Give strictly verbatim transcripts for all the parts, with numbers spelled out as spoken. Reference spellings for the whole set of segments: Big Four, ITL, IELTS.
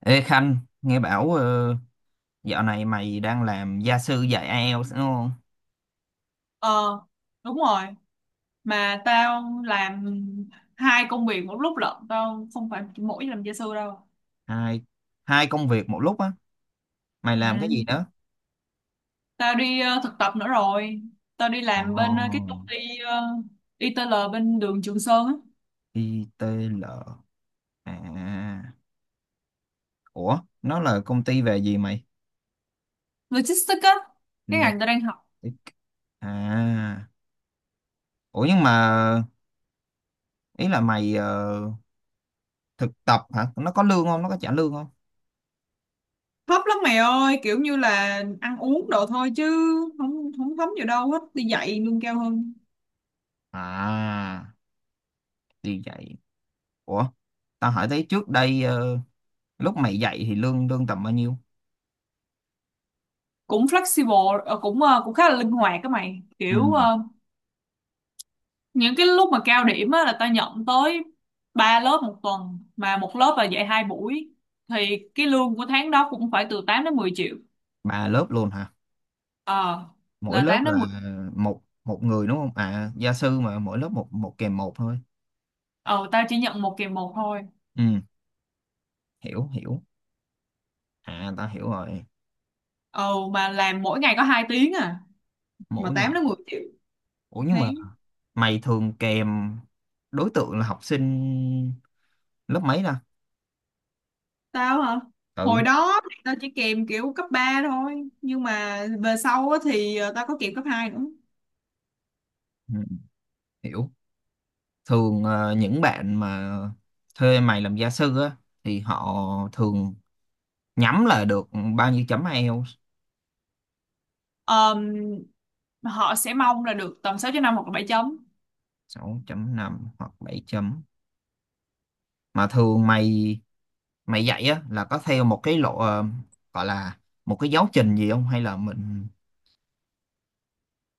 Ê Khanh, nghe bảo ờ, dạo này mày đang làm gia sư dạy ai eo đúng không? Ờ, đúng rồi. Mà tao làm hai công việc một lúc lận. Tao không phải chỉ mỗi làm gia sư đâu. Hai, hai công việc một lúc á. Mày làm cái Ừ. gì đó? Tao đi ờ, thực tập nữa rồi. Tao đi Ồ, làm bên ờ, cái công ty ờ, i tê lờ bên đường Trường Sơn á. ai ti eo. À, ủa, nó là công ty về gì mày? Logistics á. Cái Lục. ngành tao đang học. À, ủa nhưng mà ý là mày ờ, thực tập hả? Nó có lương không? Nó có trả lương không? Thấp lắm mày ơi. Kiểu như là ăn uống đồ thôi chứ không không thấm gì đâu hết. Đi dạy lương cao hơn. À, đi dạy. Ủa, tao hỏi thấy trước đây ờ, lúc mày dạy thì lương lương tầm bao nhiêu? Cũng flexible, ờ, cũng ờ, cũng khá là linh hoạt các mày. Ừ, Kiểu ờ, những cái lúc mà cao điểm á, là tao nhận tới ba lớp một tuần, mà một lớp là dạy hai buổi thì cái lương của tháng đó cũng phải từ tám đến mười triệu. ba lớp luôn hả? Ờ, Mỗi là lớp tám đến là mười một một người đúng không? À, gia sư mà mỗi lớp một một kèm một thôi. Ờ, tao chỉ nhận một kỳ một thôi. Ừ, hiểu hiểu. À, ta hiểu rồi. Ờ, mà làm mỗi ngày có hai tiếng à, mà Mỗi tám ngày. đến mười triệu Ủa một nhưng mà tháng. mày thường kèm đối tượng là học sinh lớp mấy ta? Tao hả? Ừ, Hồi đó thì tao chỉ kèm kiểu cấp ba thôi, nhưng mà về sau á, thì ờ, tao có kèm cấp hai nữa. ừ, hiểu. Thường ờ, những bạn mà thuê mày làm gia sư á thì họ thường nhắm là được bao nhiêu chấm ai eo? Ờm, Họ sẽ mong là được tầm sáu chấm năm hoặc là bảy chấm. Sáu chấm năm hoặc bảy chấm. Mà thường mày mày dạy á là có theo một cái lộ, ờ, gọi là một cái giáo trình gì không hay là mình.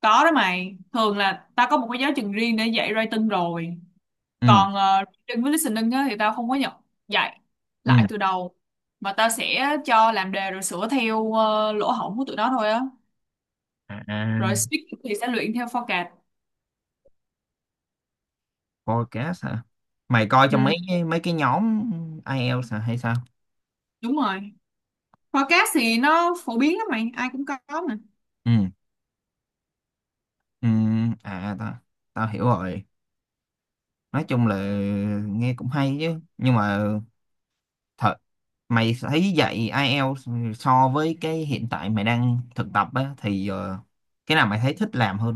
Có đó mày, thường là tao có một cái giáo trình riêng để dạy writing rồi. Ừ, Còn ờ, reading với listening á, thì tao không có nhập dạy ừ. lại từ đầu. Mà tao sẽ cho làm đề rồi sửa theo ờ, lỗ hổng của tụi nó thôi á. À, à. Rồi speaking thì sẽ luyện theo forecast. Podcast hả? Mày coi trong Ừ, mấy cái- mấy cái nhóm ai IELTS hả hay sao? đúng rồi. Forecast thì nó phổ biến lắm mày, ai cũng có mà. Ừ, ừ. À, tao tao hiểu rồi. Nói chung là nghe cũng hay chứ nhưng mà thật, mày thấy dạy ai IELTS so với cái hiện tại mày đang thực tập á thì ờ, cái nào mày thấy thích làm hơn?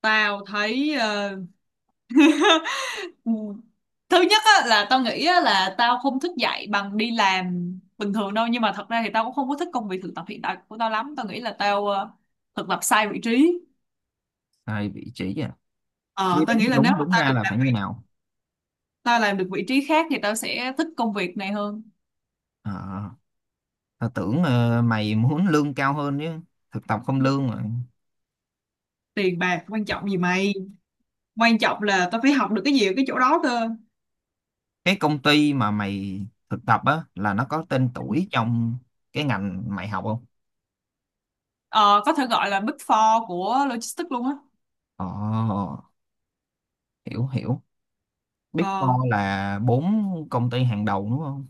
Tao thấy ờ, Ừ. Thứ nhất á, là tao nghĩ á, là tao không thích dạy bằng đi làm bình thường đâu, nhưng mà thật ra thì tao cũng không có thích công việc thực tập hiện tại của tao lắm. Tao nghĩ là tao ờ, thực tập sai vị trí. Tại vị trí à? Chứ ờ, Tao đúng, nghĩ là nếu đúng mà đúng tao ra được là làm phải như vị nào? tao làm được vị trí khác thì tao sẽ thích công việc này hơn. Ờ, tao tưởng ờ, mày muốn lương cao hơn chứ. Thực tập không lương mà. Tiền bạc quan trọng gì mày, quan trọng là tao phải học được cái gì ở cái chỗ đó cơ. Cái công ty mà mày thực tập á là nó có tên tuổi trong cái ngành mày học không? ờ, có thể gọi là Big Four của logistics luôn á. Ồ, hiểu hiểu. Big Ờ Four là bốn công ty hàng đầu đúng không?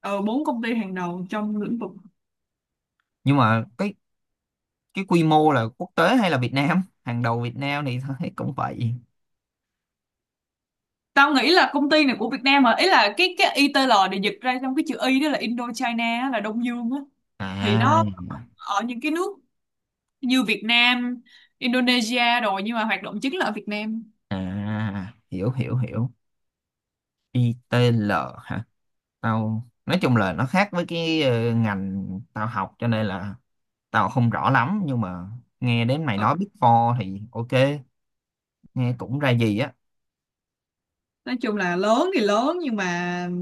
ờ, bốn công ty hàng đầu trong lĩnh vực. Nhưng mà cái cái quy mô là quốc tế hay là Việt Nam? Hàng đầu Việt Nam thì tao thấy cũng vậy. Tao nghĩ là công ty này của Việt Nam hả, ý là cái cái i ITL để dịch ra, trong cái chữ Y đó là Indochina á, là Đông Dương á. Thì À, nó ở những cái nước như Việt Nam, Indonesia rồi, nhưng mà hoạt động chính là ở Việt Nam. à, hiểu hiểu hiểu. I ITL hả? Tao nói chung là nó khác với cái ờ, ngành tao học cho nên là tao không rõ lắm nhưng mà nghe đến mày Ừ. nói Big Four thì ok. Nghe cũng ra gì á. Nói chung là lớn thì lớn nhưng mà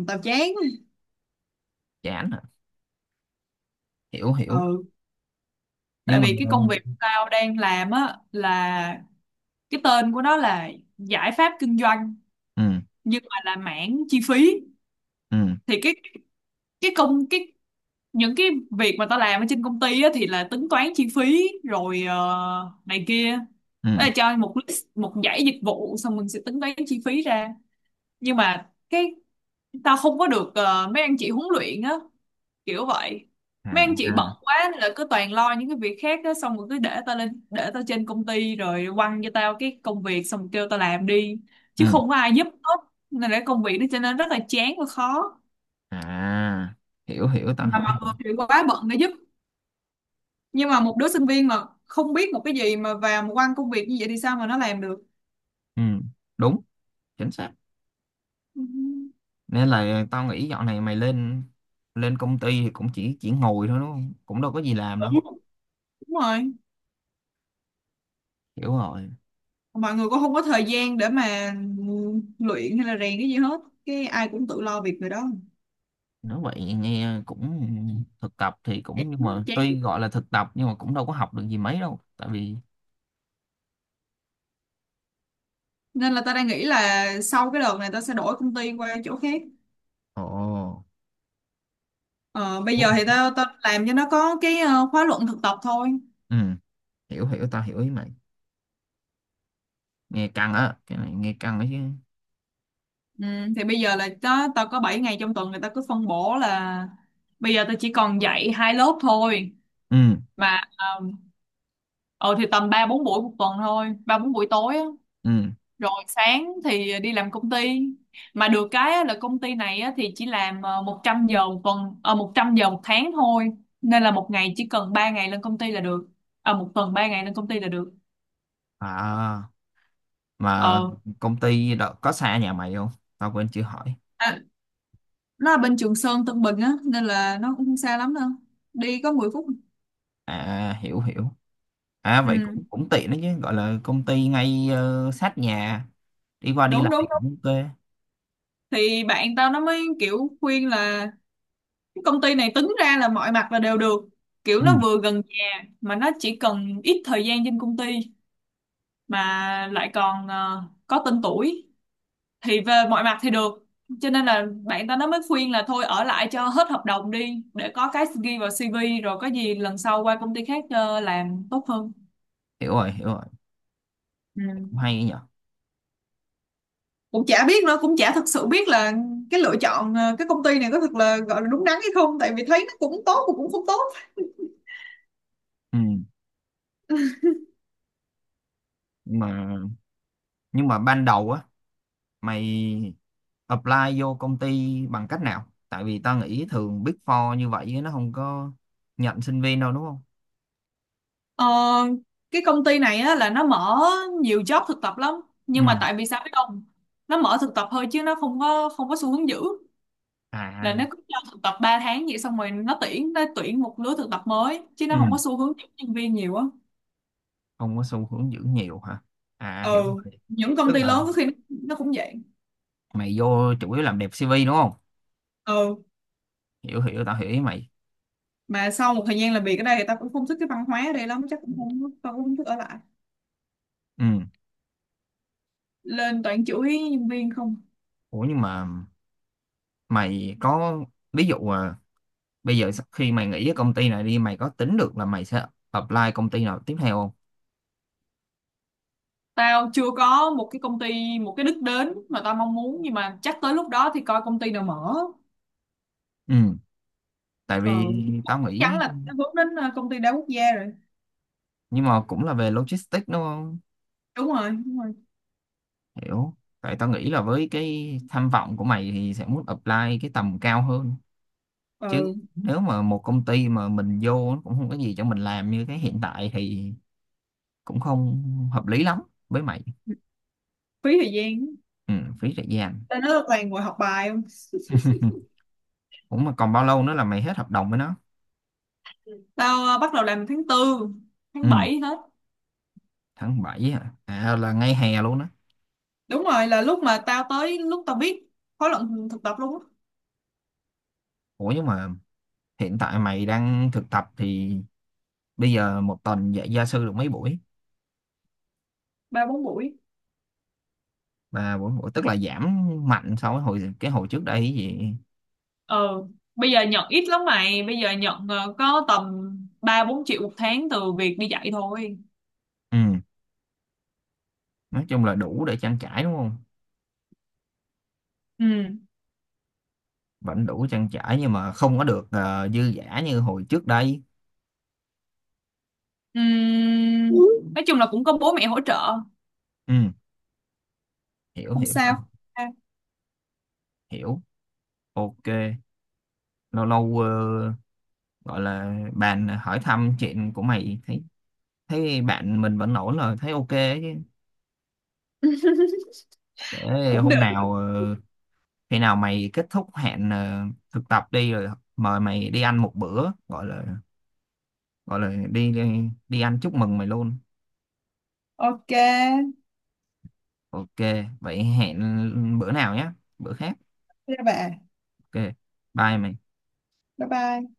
tao chán. Chán à. Hiểu hiểu. Ừ, tại Nhưng mà. vì cái công việc tao đang làm á là, cái tên của nó là giải pháp kinh doanh, Ừ, nhưng mà là mảng chi phí. ừ, Thì cái cái công cái những cái việc mà tao làm ở trên công ty á, thì là tính toán chi phí rồi ờ, này kia. Đó ừ. là cho một list, một dãy dịch vụ, xong mình sẽ tính toán chi phí ra. Nhưng mà cái, tao không có được ờ, mấy anh chị huấn luyện á, kiểu vậy. À, Mấy anh chị bận à. quá nên là cứ toàn lo những cái việc khác á, xong rồi cứ để tao lên, để tao trên công ty rồi quăng cho tao cái công việc, xong rồi kêu tao làm đi, chứ Ừ. không có ai giúp hết. Nên là công việc nó trở nên rất là chán và khó, À, hiểu hiểu, tao mà hiểu mọi rồi. người thì quá bận để giúp. Nhưng mà một đứa sinh viên mà không biết một cái gì mà vào một quan công việc như vậy thì sao mà nó làm được. Ừ, đúng, chính xác. Ừ. Nên là tao nghĩ dạo này mày lên lên công ty thì cũng chỉ chỉ ngồi thôi đúng không, cũng đâu có gì làm đâu. Đúng. Đúng rồi. Hiểu rồi. Mọi người cũng không có thời gian để mà luyện hay là rèn cái gì hết, cái ai cũng tự lo việc người đó. Nói vậy nghe cũng, thực tập thì cũng, Chán. nhưng mà Chán. tuy gọi là thực tập nhưng mà cũng đâu có học được gì mấy đâu tại vì. Nên là tao đang nghĩ là sau cái đợt này tao sẽ đổi công ty qua chỗ khác. Ồ. Ờ, bây giờ thì tao tao làm cho nó có cái ờ, khóa luận thực tập thôi. Ừ, hiểu hiểu, tao hiểu ý mày. Nghe căng á, cái này nghe căng ấy chứ. Ừ, thì bây giờ là tao tao có bảy ngày trong tuần, người ta cứ phân bổ là bây giờ tao chỉ còn dạy hai lớp thôi. Ừ, Mà um, ừ, thì tầm ba bốn buổi một tuần thôi, ba bốn buổi tối á. ừ, Rồi sáng thì đi làm công ty. Mà được cái á, là công ty này á, thì chỉ làm ờ, một trăm giờ một tuần, ờ, một trăm giờ một tháng thôi. Nên là một ngày chỉ cần ba ngày lên công ty là được. Ờ, một tuần ba ngày lên công ty là được. à. Mà Ờ. công ty đó có xa nhà mày không? Tao quên chưa hỏi. À, nó là bên Trường Sơn Tân Bình á, nên là nó cũng không xa lắm đâu, đi có mười phút. À, hiểu hiểu. À vậy Ừ, cũng cũng tiện đấy chứ, gọi là công ty ngay ờ, sát nhà. Đi qua đi đúng lại đúng đúng. cũng ok. Thì bạn tao nó mới kiểu khuyên là công ty này tính ra là mọi mặt là đều được, kiểu Ừ, nó vừa gần nhà mà nó chỉ cần ít thời gian trên công ty, mà lại còn ờ, có tên tuổi, thì về mọi mặt thì được. Cho nên là bạn ta nó mới khuyên là thôi ở lại cho hết hợp đồng đi, để có cái ghi vào xê vê, rồi có gì lần sau qua công ty khác ờ, làm tốt hơn. hiểu rồi, hiểu rồi. Ừ. Cũng hay ấy nhở. Cũng chả biết nữa, cũng chả thực sự biết là cái lựa chọn ờ, cái công ty này có thật là gọi là đúng đắn hay không, tại vì thấy nó cũng tốt mà cũng không tốt. Ừ. nhưng mà nhưng mà ban đầu á, mày apply vô công ty bằng cách nào, tại vì tao nghĩ thường Big Four như vậy nó không có nhận sinh viên đâu đúng không? Ờ, cái công ty này á, là nó mở nhiều job thực tập lắm, Ừ, nhưng mà tại vì sao biết không, nó mở thực tập thôi chứ nó không có không có xu hướng giữ. Là nó à. cứ cho thực tập ba tháng vậy, xong rồi nó tuyển nó tuyển một lứa thực tập mới, chứ nó không Ừ, có xu hướng giữ nhân viên nhiều á. không có xu hướng giữ nhiều hả? À, hiểu Ừ. rồi. Những công Tức ty là lớn có khi nó, nó cũng vậy. mày vô chủ yếu làm đẹp xê vê đúng không? Ừ, Hiểu hiểu, tao hiểu ý mày. mà sau một thời gian làm việc ở đây thì ta cũng không thích cái văn hóa ở đây lắm, chắc cũng không tao cũng không thích ở lại. Ừ. Lên toàn chửi nhân viên không. Ủa nhưng mà mày có ví dụ à, bây giờ sau khi mày nghỉ ở công ty này đi, mày có tính được là mày sẽ apply công ty nào tiếp theo không? Tao chưa có một cái công ty, một cái đích đến mà tao mong muốn, nhưng mà chắc tới lúc đó thì coi công ty nào mở. Ừ, tại vì Ừ, chắc tao chắn nghĩ. là tao hướng đến ờ, công ty đa quốc gia rồi. Nhưng mà cũng là về logistics đúng không? Đúng rồi, đúng rồi. Hiểu. Tại tao nghĩ là với cái tham vọng của mày thì sẽ muốn apply cái tầm cao hơn chứ. Ừ, Nếu mà một công ty mà mình vô nó cũng không có gì cho mình làm như cái hiện tại thì cũng không hợp lý lắm với mày. phí thời gian. Ừ, phí thời gian. Tao nói toàn ngồi học bài không? Cũng mà còn bao lâu nữa là mày hết hợp đồng với nó? Tao ờ, bắt đầu làm tháng tư, tháng Ừ, bảy hết. tháng bảy hả? À, là ngay hè luôn á. Đúng rồi, là lúc mà tao tới lúc tao biết khóa luận thực tập luôn á. Ủa nhưng mà hiện tại mày đang thực tập thì bây giờ một tuần dạy gia sư được mấy buổi? Ba bốn buổi. Và buổi, buổi tức là giảm mạnh so với hồi cái hồi trước đây cái gì. Ờ, bây giờ nhận ít lắm mày, bây giờ nhận ờ, có tầm ba bốn triệu một tháng từ việc đi dạy thôi. Ừ, nói chung là đủ để trang trải đúng không? Ừ. Vẫn đủ trang trải nhưng mà không có được ờ, dư dả như hồi trước đây. Ừm, nói chung là cũng có bố mẹ hỗ trợ, Ừ, hiểu không hiểu rồi, sao. À, hiểu. Ok, lâu lâu ờ, gọi là bạn hỏi thăm chuyện của mày, thấy thấy bạn mình vẫn ổn rồi, thấy ok ấy chứ. Để cũng được. hôm nào, ờ, khi nào mày kết thúc hẹn ờ, thực tập đi rồi mời mày đi ăn một bữa, gọi là gọi là đi đi, đi ăn chúc mừng mày luôn. Ok. Ok, vậy hẹn bữa nào nhé, bữa khác. Thế bà. Ok. Bye mày. Bye bye.